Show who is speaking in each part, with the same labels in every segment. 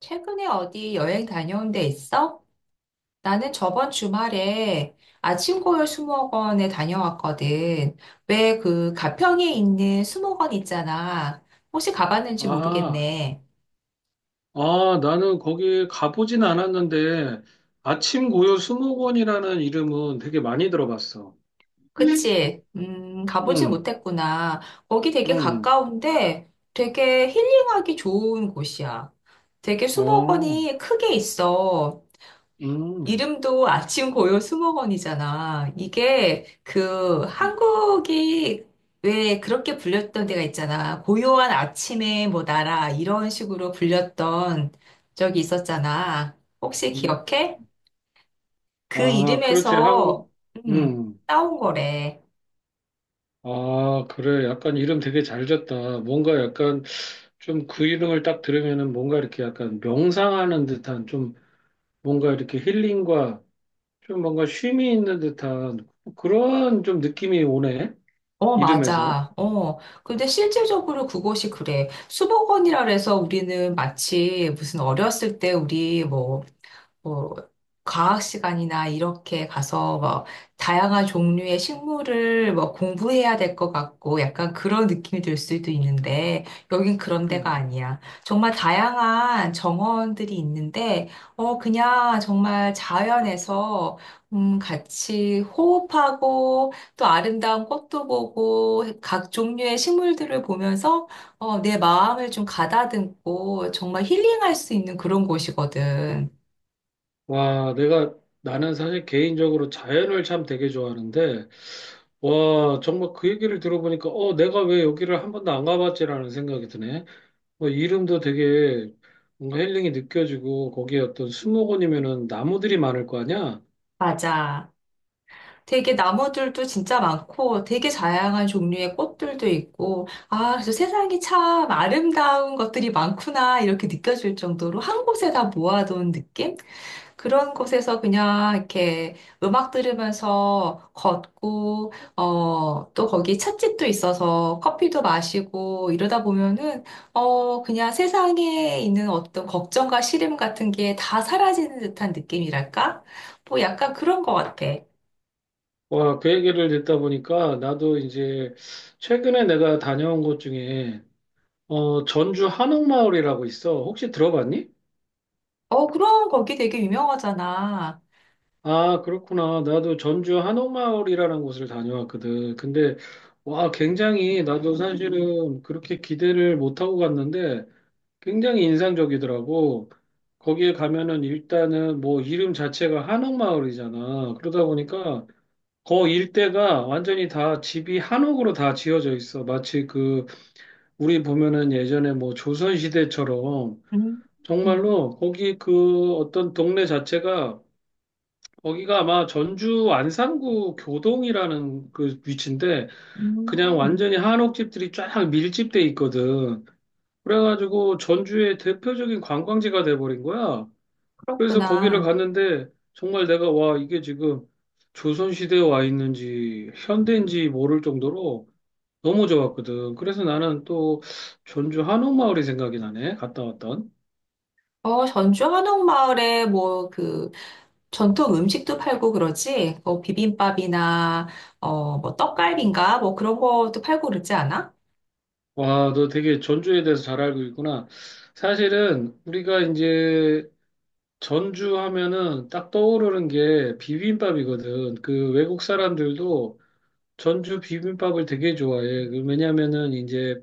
Speaker 1: 최근에 어디 여행 다녀온 데 있어? 나는 저번 주말에 아침고요 수목원에 다녀왔거든. 왜 그 가평에 있는 수목원 있잖아. 혹시 가봤는지
Speaker 2: 아,
Speaker 1: 모르겠네.
Speaker 2: 아, 나는 거기 가보진 않았는데, 아침 고요 수목원이라는 이름은 되게 많이 들어봤어. 응.
Speaker 1: 그치?
Speaker 2: 응.
Speaker 1: 가보지 못했구나. 거기 되게
Speaker 2: 응.
Speaker 1: 가까운데 되게 힐링하기 좋은 곳이야. 되게
Speaker 2: 어,
Speaker 1: 수목원이 크게 있어. 이름도 아침 고요 수목원이잖아. 이게 그
Speaker 2: 응.
Speaker 1: 한국이 왜 그렇게 불렸던 데가 있잖아. 고요한 아침의 뭐 나라 이런 식으로 불렸던 적이 있었잖아. 혹시 기억해? 그
Speaker 2: 아, 그렇지,
Speaker 1: 이름에서
Speaker 2: 한국,
Speaker 1: 음,
Speaker 2: 응.
Speaker 1: 따온 거래.
Speaker 2: 아, 그래. 약간 이름 되게 잘 졌다. 뭔가 약간 좀 그 이름을 딱 들으면은 뭔가 이렇게 약간 명상하는 듯한 좀 뭔가 이렇게 힐링과 좀 뭔가 쉼이 있는 듯한 그런 좀 느낌이 오네.
Speaker 1: 어,
Speaker 2: 이름에서.
Speaker 1: 맞아. 어. 근데 실질적으로 그곳이 그래. 수목원이라 그래서 우리는 마치 무슨 어렸을 때 우리 뭐 과학 시간이나 이렇게 가서 뭐 다양한 종류의 식물을 뭐 공부해야 될 것 같고 약간 그런 느낌이 들 수도 있는데 여긴 그런 데가
Speaker 2: 음.
Speaker 1: 아니야. 정말 다양한 정원들이 있는데 어 그냥 정말 자연에서 같이 호흡하고 또 아름다운 꽃도 보고 각 종류의 식물들을 보면서 어 내 마음을 좀 가다듬고 정말 힐링할 수 있는 그런 곳이거든.
Speaker 2: 와, 내가, 나는 사실 개인적으로 자연을 참 되게 좋아하는데, 와, 정말 그 얘기를 들어보니까, 어, 내가 왜 여기를 한 번도 안 가봤지라는 생각이 드네. 뭐, 이름도 되게 뭔가 힐링이 느껴지고, 거기에 어떤 수목원이면은 나무들이 많을 거 아니야?
Speaker 1: 맞아. 되게 나무들도 진짜 많고 되게 다양한 종류의 꽃들도 있고 아, 그래서 세상이 참 아름다운 것들이 많구나 이렇게 느껴질 정도로 한 곳에 다 모아둔 느낌? 그런 곳에서 그냥 이렇게 음악 들으면서 걷고 어, 또 거기 찻집도 있어서 커피도 마시고 이러다 보면은 어, 그냥 세상에 있는 어떤 걱정과 시름 같은 게 다 사라지는 듯한 느낌이랄까? 뭐 약간 그런 것 같아.
Speaker 2: 와, 그 얘기를 듣다 보니까, 나도 이제, 최근에 내가 다녀온 곳 중에, 어, 전주 한옥마을이라고 있어. 혹시 들어봤니?
Speaker 1: 어, 그럼 거기 되게 유명하잖아.
Speaker 2: 아, 그렇구나. 나도 전주 한옥마을이라는 곳을 다녀왔거든. 근데, 와, 굉장히, 나도 사실은 그렇게 기대를 못하고 갔는데, 굉장히 인상적이더라고. 거기에 가면은 일단은 뭐 이름 자체가 한옥마을이잖아. 그러다 보니까, 거 일대가 완전히 다 집이 한옥으로 다 지어져 있어. 마치 그, 우리 보면은 예전에 뭐 조선시대처럼,
Speaker 1: 음.
Speaker 2: 정말로 거기 그 어떤 동네 자체가 거기가 아마 전주 안산구 교동이라는 그 위치인데 그냥
Speaker 1: 음,
Speaker 2: 완전히 한옥집들이 쫙 밀집돼 있거든. 그래가지고 전주의 대표적인 관광지가 돼버린 거야. 그래서 거기를
Speaker 1: 그렇구나.
Speaker 2: 갔는데 정말 내가 와 이게 지금 조선시대에 와 있는지 현대인지 모를 정도로 너무 좋았거든. 그래서 나는 또 전주 한옥마을이 생각이 나네. 갔다 왔던.
Speaker 1: 어, 전주 한옥마을에 뭐 그 전통 음식도 팔고 그러지? 뭐 비빔밥이나 어, 뭐 떡갈비인가? 뭐 그런 것도 팔고 그러지 않아?
Speaker 2: 와, 너 되게 전주에 대해서 잘 알고 있구나. 사실은 우리가 이제 전주 하면은 딱 떠오르는 게 비빔밥이거든. 그 외국 사람들도 전주 비빔밥을 되게 좋아해. 그 왜냐면은 이제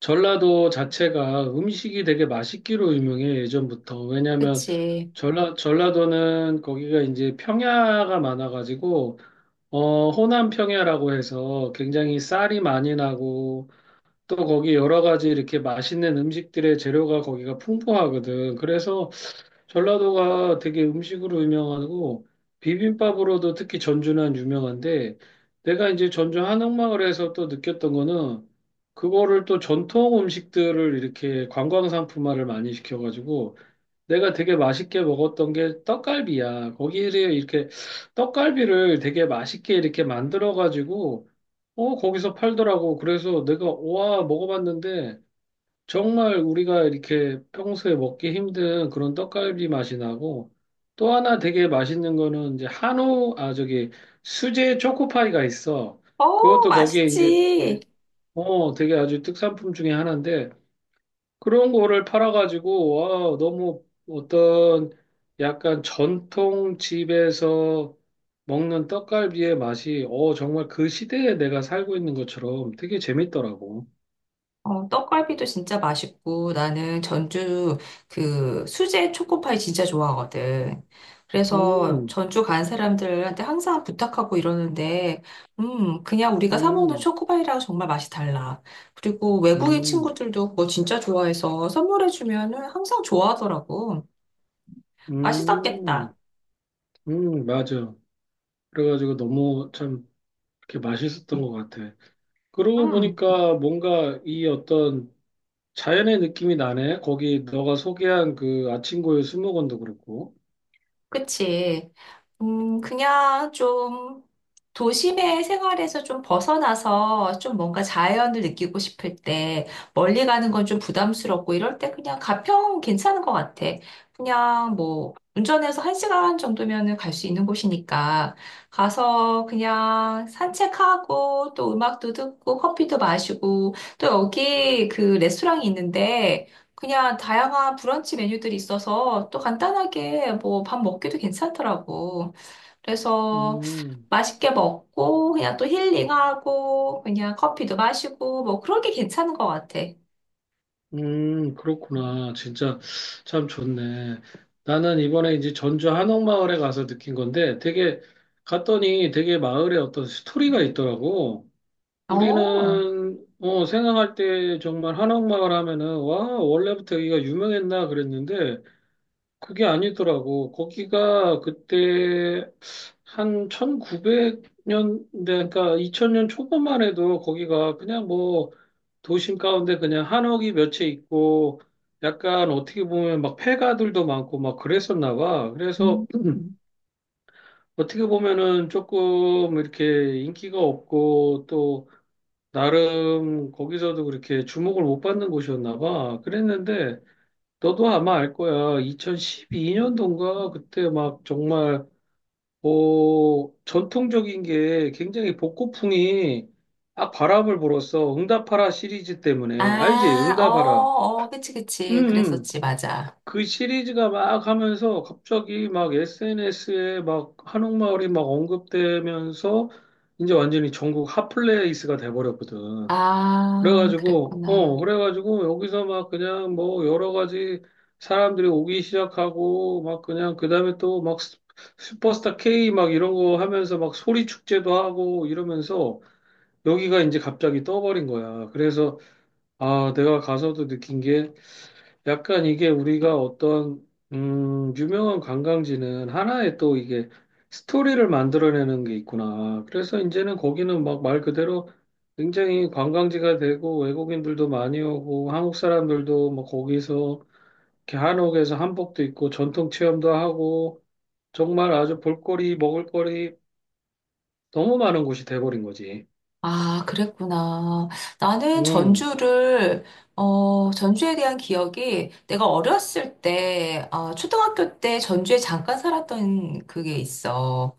Speaker 2: 전라도 자체가 음식이 되게 맛있기로 유명해, 예전부터. 왜냐면
Speaker 1: 그치.
Speaker 2: 전라도는 거기가 이제 평야가 많아가지고, 어, 호남 평야라고 해서 굉장히 쌀이 많이 나고, 또 거기 여러 가지 이렇게 맛있는 음식들의 재료가 거기가 풍부하거든. 그래서 전라도가 되게 음식으로 유명하고 비빔밥으로도 특히 전주는 유명한데 내가 이제 전주 한옥마을에서 또 느꼈던 거는 그거를 또 전통 음식들을 이렇게 관광 상품화를 많이 시켜가지고 내가 되게 맛있게 먹었던 게 떡갈비야. 거기를 이렇게 떡갈비를 되게 맛있게 이렇게 만들어가지고 어 거기서 팔더라고. 그래서 내가 와 먹어봤는데 정말 우리가 이렇게 평소에 먹기 힘든 그런 떡갈비 맛이 나고 또 하나 되게 맛있는 거는 이제 한우, 아, 저기 수제 초코파이가 있어.
Speaker 1: 어,
Speaker 2: 그것도 거기에 이제
Speaker 1: 맛있지.
Speaker 2: 되게, 어, 되게 아주 특산품 중에 하나인데 그런 거를 팔아가지고 와, 너무 어떤 약간 전통 집에서 먹는 떡갈비의 맛이 어, 정말 그 시대에 내가 살고 있는 것처럼 되게 재밌더라고.
Speaker 1: 어, 떡갈비도 진짜 맛있고 나는 전주 그 수제 초코파이 진짜 좋아하거든. 그래서
Speaker 2: 음.
Speaker 1: 전주 간 사람들한테 항상 부탁하고 이러는데, 그냥 우리가 사 먹는
Speaker 2: 음.
Speaker 1: 초코파이랑 정말 맛이 달라. 그리고 외국인
Speaker 2: 음.
Speaker 1: 친구들도 그거 진짜 좋아해서 선물해주면은 항상 좋아하더라고.
Speaker 2: 음.
Speaker 1: 맛있었겠다.
Speaker 2: 음. 맞아. 그래가지고 너무 참 이렇게 맛있었던 것 같아. 그러고
Speaker 1: 음.
Speaker 2: 보니까 뭔가 이 어떤 자연의 느낌이 나네. 거기 너가 소개한 그 아침고요 수목원도 그렇고.
Speaker 1: 그치. 그냥 좀 도심의 생활에서 좀 벗어나서 좀 뭔가 자연을 느끼고 싶을 때 멀리 가는 건 좀 부담스럽고 이럴 때 그냥 가평 괜찮은 것 같아. 그냥 뭐 운전해서 1시간 정도면은 갈 수 있는 곳이니까 가서 그냥 산책하고 또 음악도 듣고 커피도 마시고 또 여기 그 레스토랑이 있는데 그냥 다양한 브런치 메뉴들이 있어서 또 간단하게 뭐 밥 먹기도 괜찮더라고. 그래서
Speaker 2: 음.
Speaker 1: 맛있게 먹고 그냥 또 힐링하고 그냥 커피도 마시고 뭐 그런 게 괜찮은 것 같아.
Speaker 2: 그렇구나. 진짜 참 좋네. 나는 이번에 이제 전주 한옥마을에 가서 느낀 건데 되게 갔더니 되게 마을에 어떤 스토리가 있더라고.
Speaker 1: 어.
Speaker 2: 우리는 어, 생각할 때 정말 한옥마을 하면은 와 원래부터 여기가 유명했나 그랬는데 그게 아니더라고. 거기가 그때 한 1900년대 그러니까 2000년 초반만 해도 거기가 그냥 뭐 도심 가운데 그냥 한옥이 몇 채 있고 약간 어떻게 보면 막 폐가들도 많고 막 그랬었나 봐.
Speaker 1: 음.
Speaker 2: 그래서 어떻게 보면은 조금 이렇게 인기가 없고 또 나름 거기서도 그렇게 주목을 못 받는 곳이었나 봐. 그랬는데 너도 아마 알 거야. 2012년도인가 그때 막 정말 어 전통적인 게 굉장히 복고풍이 아 바람을 불었어. 응답하라 시리즈 때문에 알지?
Speaker 1: 아, 어,
Speaker 2: 응답하라.
Speaker 1: 어, 그치,
Speaker 2: 음.
Speaker 1: 그치.
Speaker 2: 음.
Speaker 1: 그랬었지, 맞아.
Speaker 2: 그 시리즈가 막 하면서 갑자기 막 SNS에 막 한옥마을이 막 언급되면서 이제 완전히 전국 핫플레이스가 돼버렸거든.
Speaker 1: 아,
Speaker 2: 그래가지고, 어,
Speaker 1: 그랬구나.
Speaker 2: 그래가지고, 여기서 막 그냥 뭐 여러 가지 사람들이 오기 시작하고, 막 그냥, 그 다음에 또 막 슈퍼스타 K 막 이런 거 하면서 막 소리 축제도 하고 이러면서 여기가 이제 갑자기 떠버린 거야. 그래서, 아, 내가 가서도 느낀 게, 약간 이게 우리가 어떤 유명한 관광지는 하나의 또 이게 스토리를 만들어내는 게 있구나. 그래서 이제는 거기는 막 말 그대로 굉장히 관광지가 되고 외국인들도 많이 오고 한국 사람들도 뭐 거기서 이렇게 한옥에서 한복도 입고 전통 체험도 하고 정말 아주 볼거리 먹을거리 너무 많은 곳이 돼버린 거지.
Speaker 1: 아, 그랬구나. 나는
Speaker 2: 음.
Speaker 1: 전주를, 어, 전주에 대한 기억이 내가 어렸을 때, 아, 초등학교 때 전주에 잠깐 살았던 그게 있어.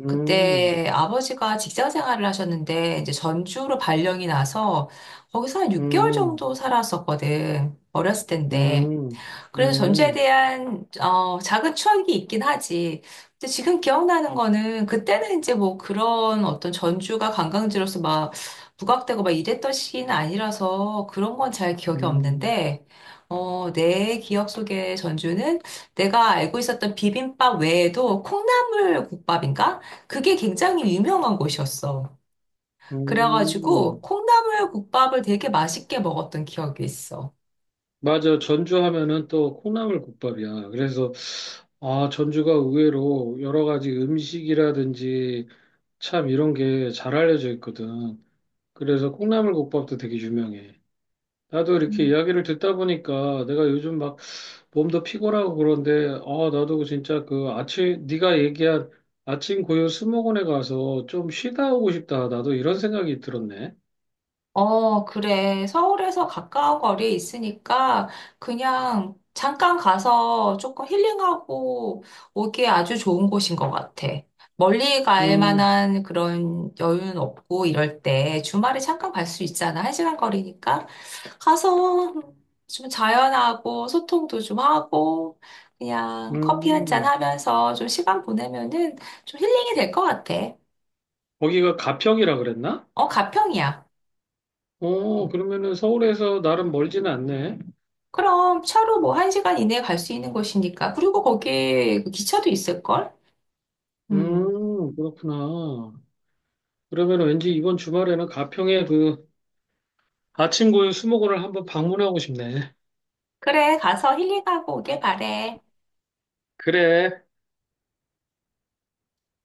Speaker 2: 음.
Speaker 1: 그때 아버지가 직장 생활을 하셨는데, 이제 전주로 발령이 나서 거기서 한 6개월
Speaker 2: 음.
Speaker 1: 정도 살았었거든. 어렸을 때인데.
Speaker 2: 음. 음.
Speaker 1: 그래서 전주에
Speaker 2: 음.
Speaker 1: 대한 어, 작은 추억이 있긴 하지. 근데 지금 기억나는 거는 그때는 이제 뭐 그런 어떤 전주가 관광지로서 막 부각되고 막 이랬던 시기는 아니라서 그런 건 잘 기억이
Speaker 2: 음.
Speaker 1: 없는데 어, 내 기억 속에 전주는 내가 알고 있었던 비빔밥 외에도 콩나물 국밥인가? 그게 굉장히 유명한 곳이었어. 그래가지고
Speaker 2: 음.
Speaker 1: 콩나물 국밥을 되게 맛있게 먹었던 기억이 있어.
Speaker 2: 맞아. 전주 하면은 또 콩나물국밥이야. 그래서 아, 전주가 의외로 여러 가지 음식이라든지 참 이런 게 잘 알려져 있거든. 그래서 콩나물국밥도 되게 유명해. 나도 이렇게 이야기를 듣다 보니까 내가 요즘 막 몸도 피곤하고 그런데 아, 나도 진짜 그 아침 네가 얘기한 아침 고요 스모곤에 가서 좀 쉬다 오고 싶다. 나도 이런 생각이 들었네.
Speaker 1: 어, 그래. 서울에서 가까운 거리에 있으니까 그냥 잠깐 가서 조금 힐링하고 오기에 아주 좋은 곳인 것 같아. 멀리 갈
Speaker 2: 음.
Speaker 1: 만한 그런 여유는 없고 이럴 때 주말에 잠깐 갈 수 있잖아. 1시간 거리니까. 가서 좀 자연하고 소통도 좀 하고 그냥 커피 한 잔
Speaker 2: 음.
Speaker 1: 하면서 좀 시간 보내면은 좀 힐링이 될 것 같아.
Speaker 2: 거기가 가평이라 그랬나?
Speaker 1: 어, 가평이야.
Speaker 2: 오, 그러면은 서울에서 나름 멀지는 않네.
Speaker 1: 그럼 차로 뭐 1시간 이내에 갈 수 있는 곳이니까. 그리고 거기 기차도 있을걸? 음.
Speaker 2: 그렇구나. 그러면 왠지 이번 주말에는 가평의 그 아침고요 수목원을 한번 방문하고 싶네.
Speaker 1: 그래, 가서 힐링하고 오길 바래.
Speaker 2: 그래.